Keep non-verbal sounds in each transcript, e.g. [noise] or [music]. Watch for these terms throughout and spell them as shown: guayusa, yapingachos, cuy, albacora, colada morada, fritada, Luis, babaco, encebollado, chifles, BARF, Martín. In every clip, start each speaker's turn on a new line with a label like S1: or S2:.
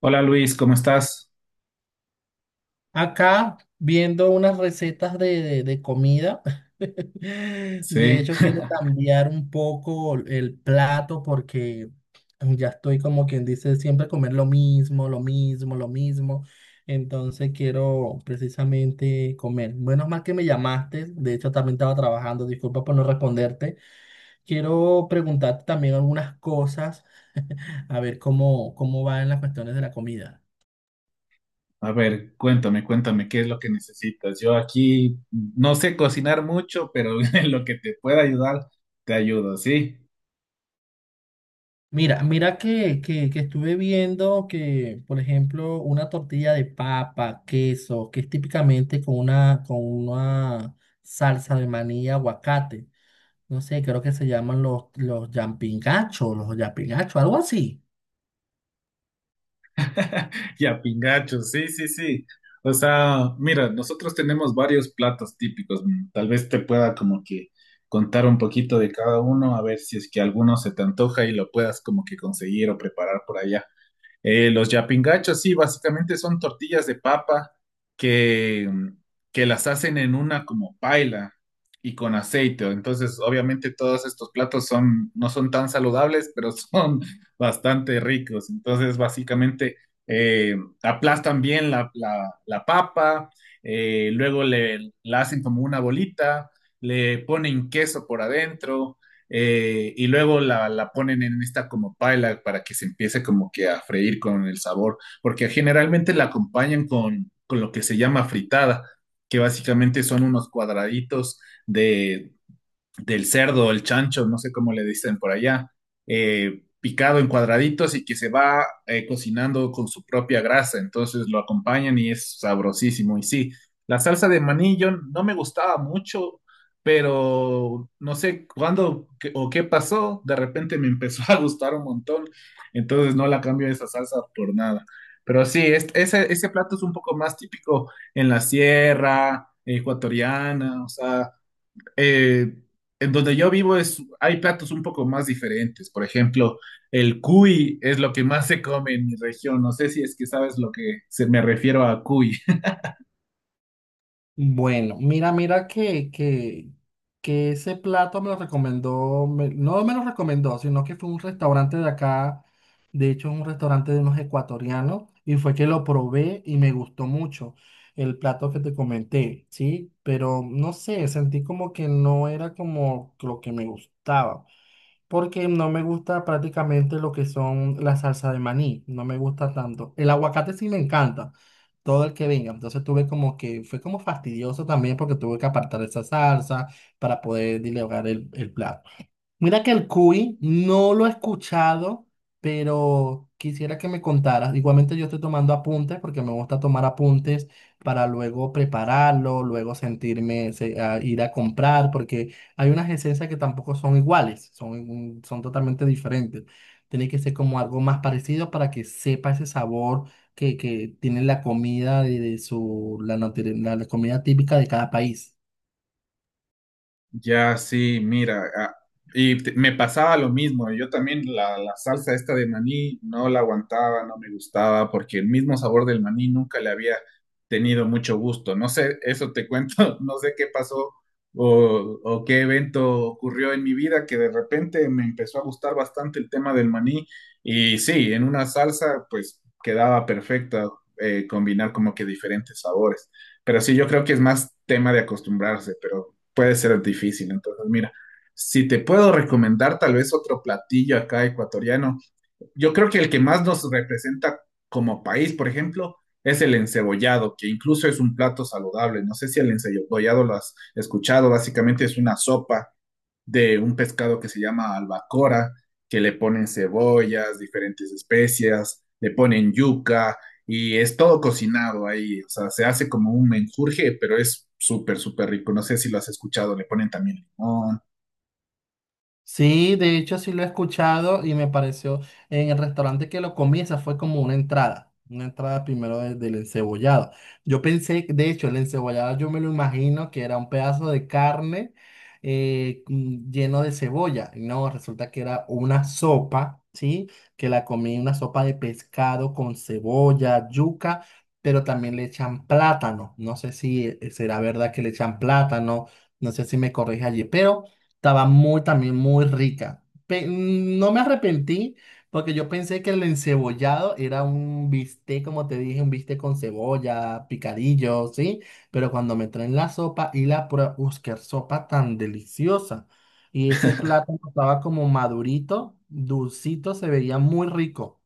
S1: Hola Luis, ¿cómo estás?
S2: Acá viendo unas recetas de comida. [laughs] De
S1: Sí.
S2: hecho, quiero
S1: [laughs]
S2: cambiar un poco el plato porque ya estoy como quien dice siempre comer lo mismo, lo mismo, lo mismo. Entonces quiero precisamente comer. Menos mal que me llamaste. De hecho, también estaba trabajando. Disculpa por no responderte. Quiero preguntarte también algunas cosas, a ver cómo va en las cuestiones de la comida.
S1: A ver, cuéntame, ¿qué es lo que necesitas? Yo aquí no sé cocinar mucho, pero [laughs] en lo que te pueda ayudar, te ayudo, ¿sí?
S2: Mira que estuve viendo que, por ejemplo, una tortilla de papa, queso, que es típicamente con una salsa de maní y aguacate. No sé, creo que se llaman los yapingachos, algo así.
S1: [laughs] Y a pingacho, sí, sí, sí. O sea, mira, nosotros tenemos varios platos típicos. Mm, tal vez te pueda como que contar un poquito de cada uno, a ver si es que alguno se te antoja y lo puedas como que conseguir o preparar por allá. Los yapingachos, sí, básicamente son tortillas de papa que, que las hacen en una como paila y con aceite. Entonces, obviamente todos estos platos son, no son tan saludables, pero son [laughs] bastante ricos. Entonces, básicamente eh, aplastan bien la papa, luego le, la hacen como una bolita, le ponen queso por adentro y luego la ponen en esta como paila para que se empiece como que a freír con el sabor, porque generalmente la acompañan con lo que se llama fritada, que básicamente son unos cuadraditos de, del cerdo, el chancho, no sé cómo le dicen por allá, picado en cuadraditos y que se va cocinando con su propia grasa. Entonces lo acompañan y es sabrosísimo. Y sí, la salsa de maní yo no me gustaba mucho, pero no sé o qué pasó, de repente me empezó [laughs] a gustar un montón. Entonces no la cambio esa salsa por nada. Pero sí, ese plato es un poco más típico en la sierra ecuatoriana, o sea eh, en donde yo vivo es, hay platos un poco más diferentes. Por ejemplo, el cuy es lo que más se come en mi región. No sé si es que sabes lo que se me refiero a cuy.
S2: Bueno, mira que ese plato me lo recomendó, no me lo recomendó, sino que fue un restaurante de acá, de hecho es un restaurante de unos ecuatorianos, y fue que lo probé y me gustó mucho el plato que te comenté, ¿sí? Pero no sé, sentí como que no era como lo que me gustaba porque no me gusta prácticamente lo que son la salsa de maní, no me gusta tanto. El aguacate sí me encanta, todo el que venga. Entonces tuve como que, fue como fastidioso también porque tuve que apartar esa salsa para poder dilegar el plato. Mira que el cuy no lo he escuchado, pero quisiera que me contaras. Igualmente yo estoy tomando apuntes porque me gusta tomar apuntes para luego prepararlo, luego sentirme se- a ir a comprar, porque hay unas esencias que tampoco son iguales, son totalmente diferentes. Tiene que ser como algo más parecido para que sepa ese sabor que tiene la comida de su, la, nutri- la la comida típica de cada país.
S1: Ya, sí, mira, ah, me pasaba lo mismo, yo también la salsa esta de maní no la aguantaba, no me gustaba, porque el mismo sabor del maní nunca le había tenido mucho gusto, no sé, eso te cuento, [laughs] no sé qué pasó o qué evento ocurrió en mi vida que de repente me empezó a gustar bastante el tema del maní y sí, en una salsa pues quedaba perfecta combinar como que diferentes sabores, pero sí, yo creo que es más tema de acostumbrarse, pero puede ser difícil. Entonces, mira, si te puedo recomendar tal vez otro platillo acá ecuatoriano, yo creo que el que más nos representa como país, por ejemplo, es el encebollado, que incluso es un plato saludable. No sé si el encebollado lo has escuchado, básicamente es una sopa de un pescado que se llama albacora, que le ponen cebollas, diferentes especias, le ponen yuca y es todo cocinado ahí, o sea, se hace como un menjurje, pero es súper, súper rico. No sé si lo has escuchado, le ponen también limón.
S2: Sí, de hecho sí lo he escuchado y me pareció en el restaurante que lo comí, esa fue como una entrada primero del encebollado. Yo pensé, de hecho, el encebollado yo me lo imagino que era un pedazo de carne lleno de cebolla. Y no, resulta que era una sopa, ¿sí? Que la comí, una sopa de pescado con cebolla, yuca, pero también le echan plátano. No sé si será verdad que le echan plátano, no sé si me corrige allí, pero... Estaba muy, también muy rica. No me arrepentí porque yo pensé que el encebollado era un bistec, como te dije, un bistec con cebolla, picadillo, ¿sí? Pero cuando me traen la sopa y la prueba, ¡uy, qué sopa tan deliciosa! Y ese plátano estaba como madurito, dulcito, se veía muy rico.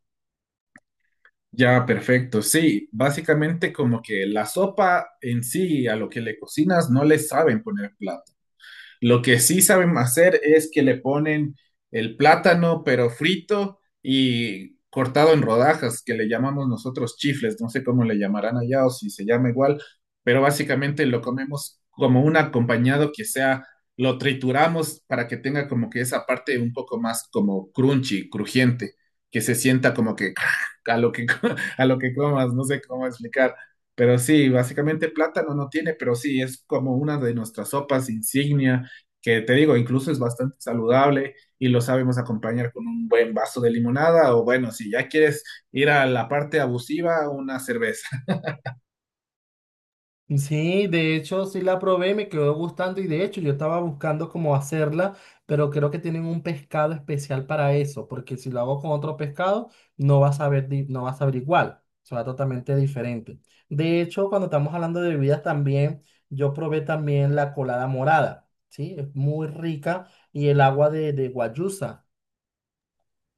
S1: Ya, perfecto. Sí, básicamente como que la sopa en sí, a lo que le cocinas, no le saben poner plato. Lo que sí saben hacer es que le ponen el plátano, pero frito y cortado en rodajas, que le llamamos nosotros chifles, no sé cómo le llamarán allá o si se llama igual, pero básicamente lo comemos como un acompañado que sea, lo trituramos para que tenga como que esa parte un poco más como crunchy, crujiente, que se sienta como que [laughs] a lo [laughs] a lo que comas, no sé cómo explicar. Pero sí, básicamente plátano no tiene, pero sí, es como una de nuestras sopas insignia que te digo, incluso es bastante saludable y lo sabemos acompañar con un buen vaso de limonada o bueno, si ya quieres ir a la parte abusiva, una cerveza.
S2: Sí, de hecho sí la probé, me quedó gustando y de hecho yo estaba buscando cómo hacerla, pero creo que tienen un pescado especial para eso, porque si lo hago con otro pescado no va a saber, no va a saber igual, será totalmente diferente. De hecho, cuando estamos hablando de bebidas también, yo probé también la colada morada, ¿sí? Es muy rica y el agua de guayusa.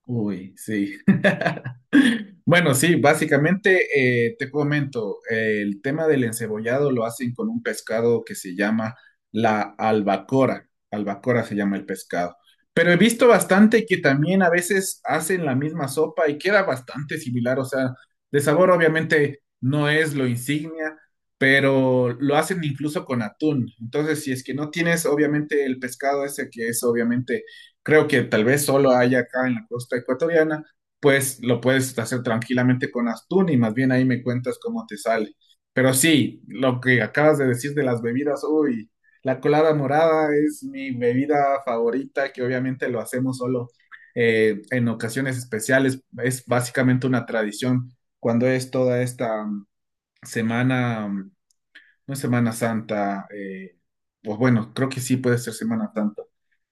S1: Uy, sí. [laughs] Bueno, sí, básicamente te comento, el tema del encebollado lo hacen con un pescado que se llama la albacora. Albacora se llama el pescado. Pero he visto bastante que también a veces hacen la misma sopa y queda bastante similar. O sea, de sabor obviamente no es lo insignia, pero lo hacen incluso con atún. Entonces, si es que no tienes obviamente el pescado ese que es obviamente creo que tal vez solo haya acá en la costa ecuatoriana, pues lo puedes hacer tranquilamente con Astun y más bien ahí me cuentas cómo te sale. Pero sí, lo que acabas de decir de las bebidas, uy, la colada morada es mi bebida favorita, que obviamente lo hacemos solo en ocasiones especiales, es básicamente una tradición cuando es toda esta semana no es Semana Santa, pues bueno, creo que sí puede ser Semana Santa.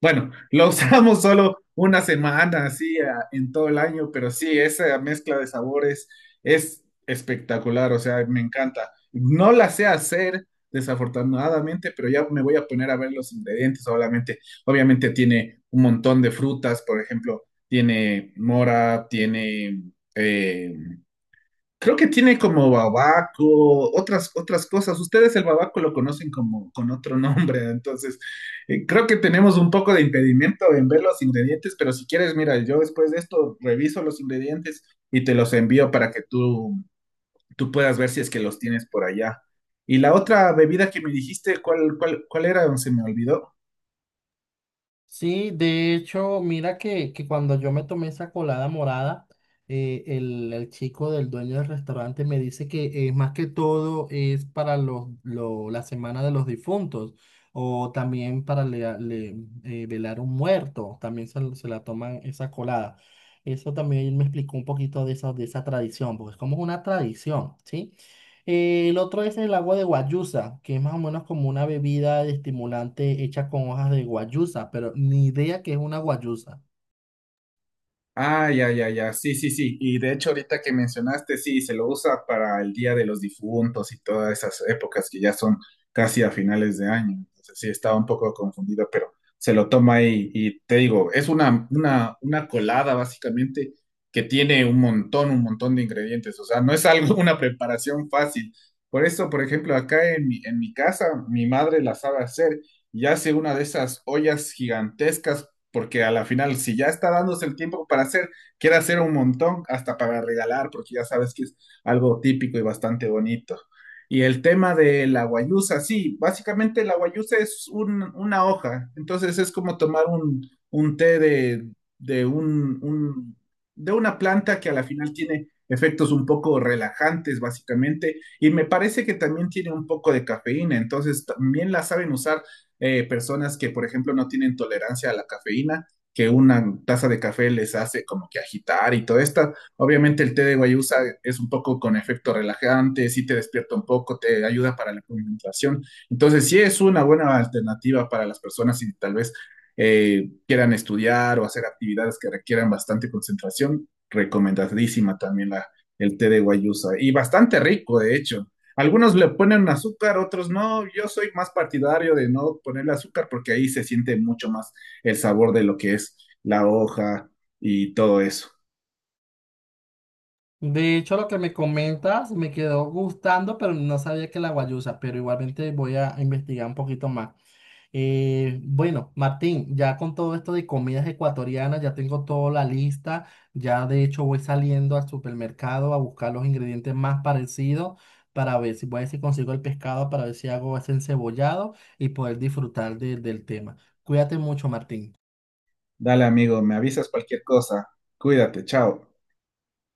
S1: Bueno, lo [laughs] usamos solo una semana, así, en todo el año, pero sí, esa mezcla de sabores es espectacular, o sea, me encanta. No la sé hacer, desafortunadamente, pero ya me voy a poner a ver los ingredientes, obviamente. Obviamente tiene un montón de frutas, por ejemplo, tiene mora, tiene... eh, creo que tiene como babaco, otras, otras cosas. Ustedes el babaco lo conocen como con otro nombre, [laughs] entonces creo que tenemos un poco de impedimento en ver los ingredientes, pero si quieres, mira, yo después de esto reviso los ingredientes y te los envío para que tú puedas ver si es que los tienes por allá. Y la otra bebida que me dijiste, ¿cuál era? Se me olvidó.
S2: Sí, de hecho, mira que cuando yo me tomé esa colada morada, el chico del dueño del restaurante me dice que más que todo es para la semana de los difuntos o también para velar un muerto, también se la toman esa colada. Eso también me explicó un poquito de esa tradición, porque es como una tradición, ¿sí? El otro es el agua de guayusa, que es más o menos como una bebida de estimulante hecha con hojas de guayusa, pero ni idea que es una guayusa.
S1: Ah, ya, ya, ya, sí, sí, sí. Y de hecho, ahorita que mencionaste, sí, se lo usa para el Día de los Difuntos y todas esas épocas que ya son casi a finales de año. Entonces, sí, estaba un poco confundido, pero se lo toma ahí y te digo, es una colada básicamente que tiene un montón de ingredientes. O sea, no es algo, [laughs] una preparación fácil. Por eso, por ejemplo, acá en mi casa, mi madre la sabe hacer y hace una de esas ollas gigantescas porque a la final, si ya está dándose el tiempo para hacer, quiere hacer un montón, hasta para regalar, porque ya sabes que es algo típico y bastante bonito. Y el tema de la guayusa, sí, básicamente la guayusa una hoja, entonces es como tomar un té de, un, un- de una planta que a la final tiene efectos un poco relajantes, básicamente, y me parece que también tiene un poco de cafeína, entonces también la saben usar personas que, por ejemplo, no tienen tolerancia a la cafeína, que una taza de café les hace como que agitar y todo esto. Obviamente el té de guayusa es un poco con efecto relajante, sí te despierta un poco, te ayuda para la concentración. Entonces sí es una buena alternativa para las personas si tal vez quieran estudiar o hacer actividades que requieran bastante concentración. Recomendadísima también el té de guayusa y bastante rico, de hecho. Algunos le ponen azúcar, otros no. Yo soy más partidario de no ponerle azúcar porque ahí se siente mucho más el sabor de lo que es la hoja y todo eso.
S2: De hecho, lo que me comentas me quedó gustando, pero no sabía que la guayusa, pero igualmente voy a investigar un poquito más. Bueno, Martín, ya con todo esto de comidas ecuatorianas, ya tengo toda la lista. Ya de hecho voy saliendo al supermercado a buscar los ingredientes más parecidos para ver si voy a ver si consigo el pescado, para ver si hago ese encebollado y poder disfrutar del tema. Cuídate mucho, Martín.
S1: Dale, amigo, me avisas cualquier cosa. Cuídate, chao.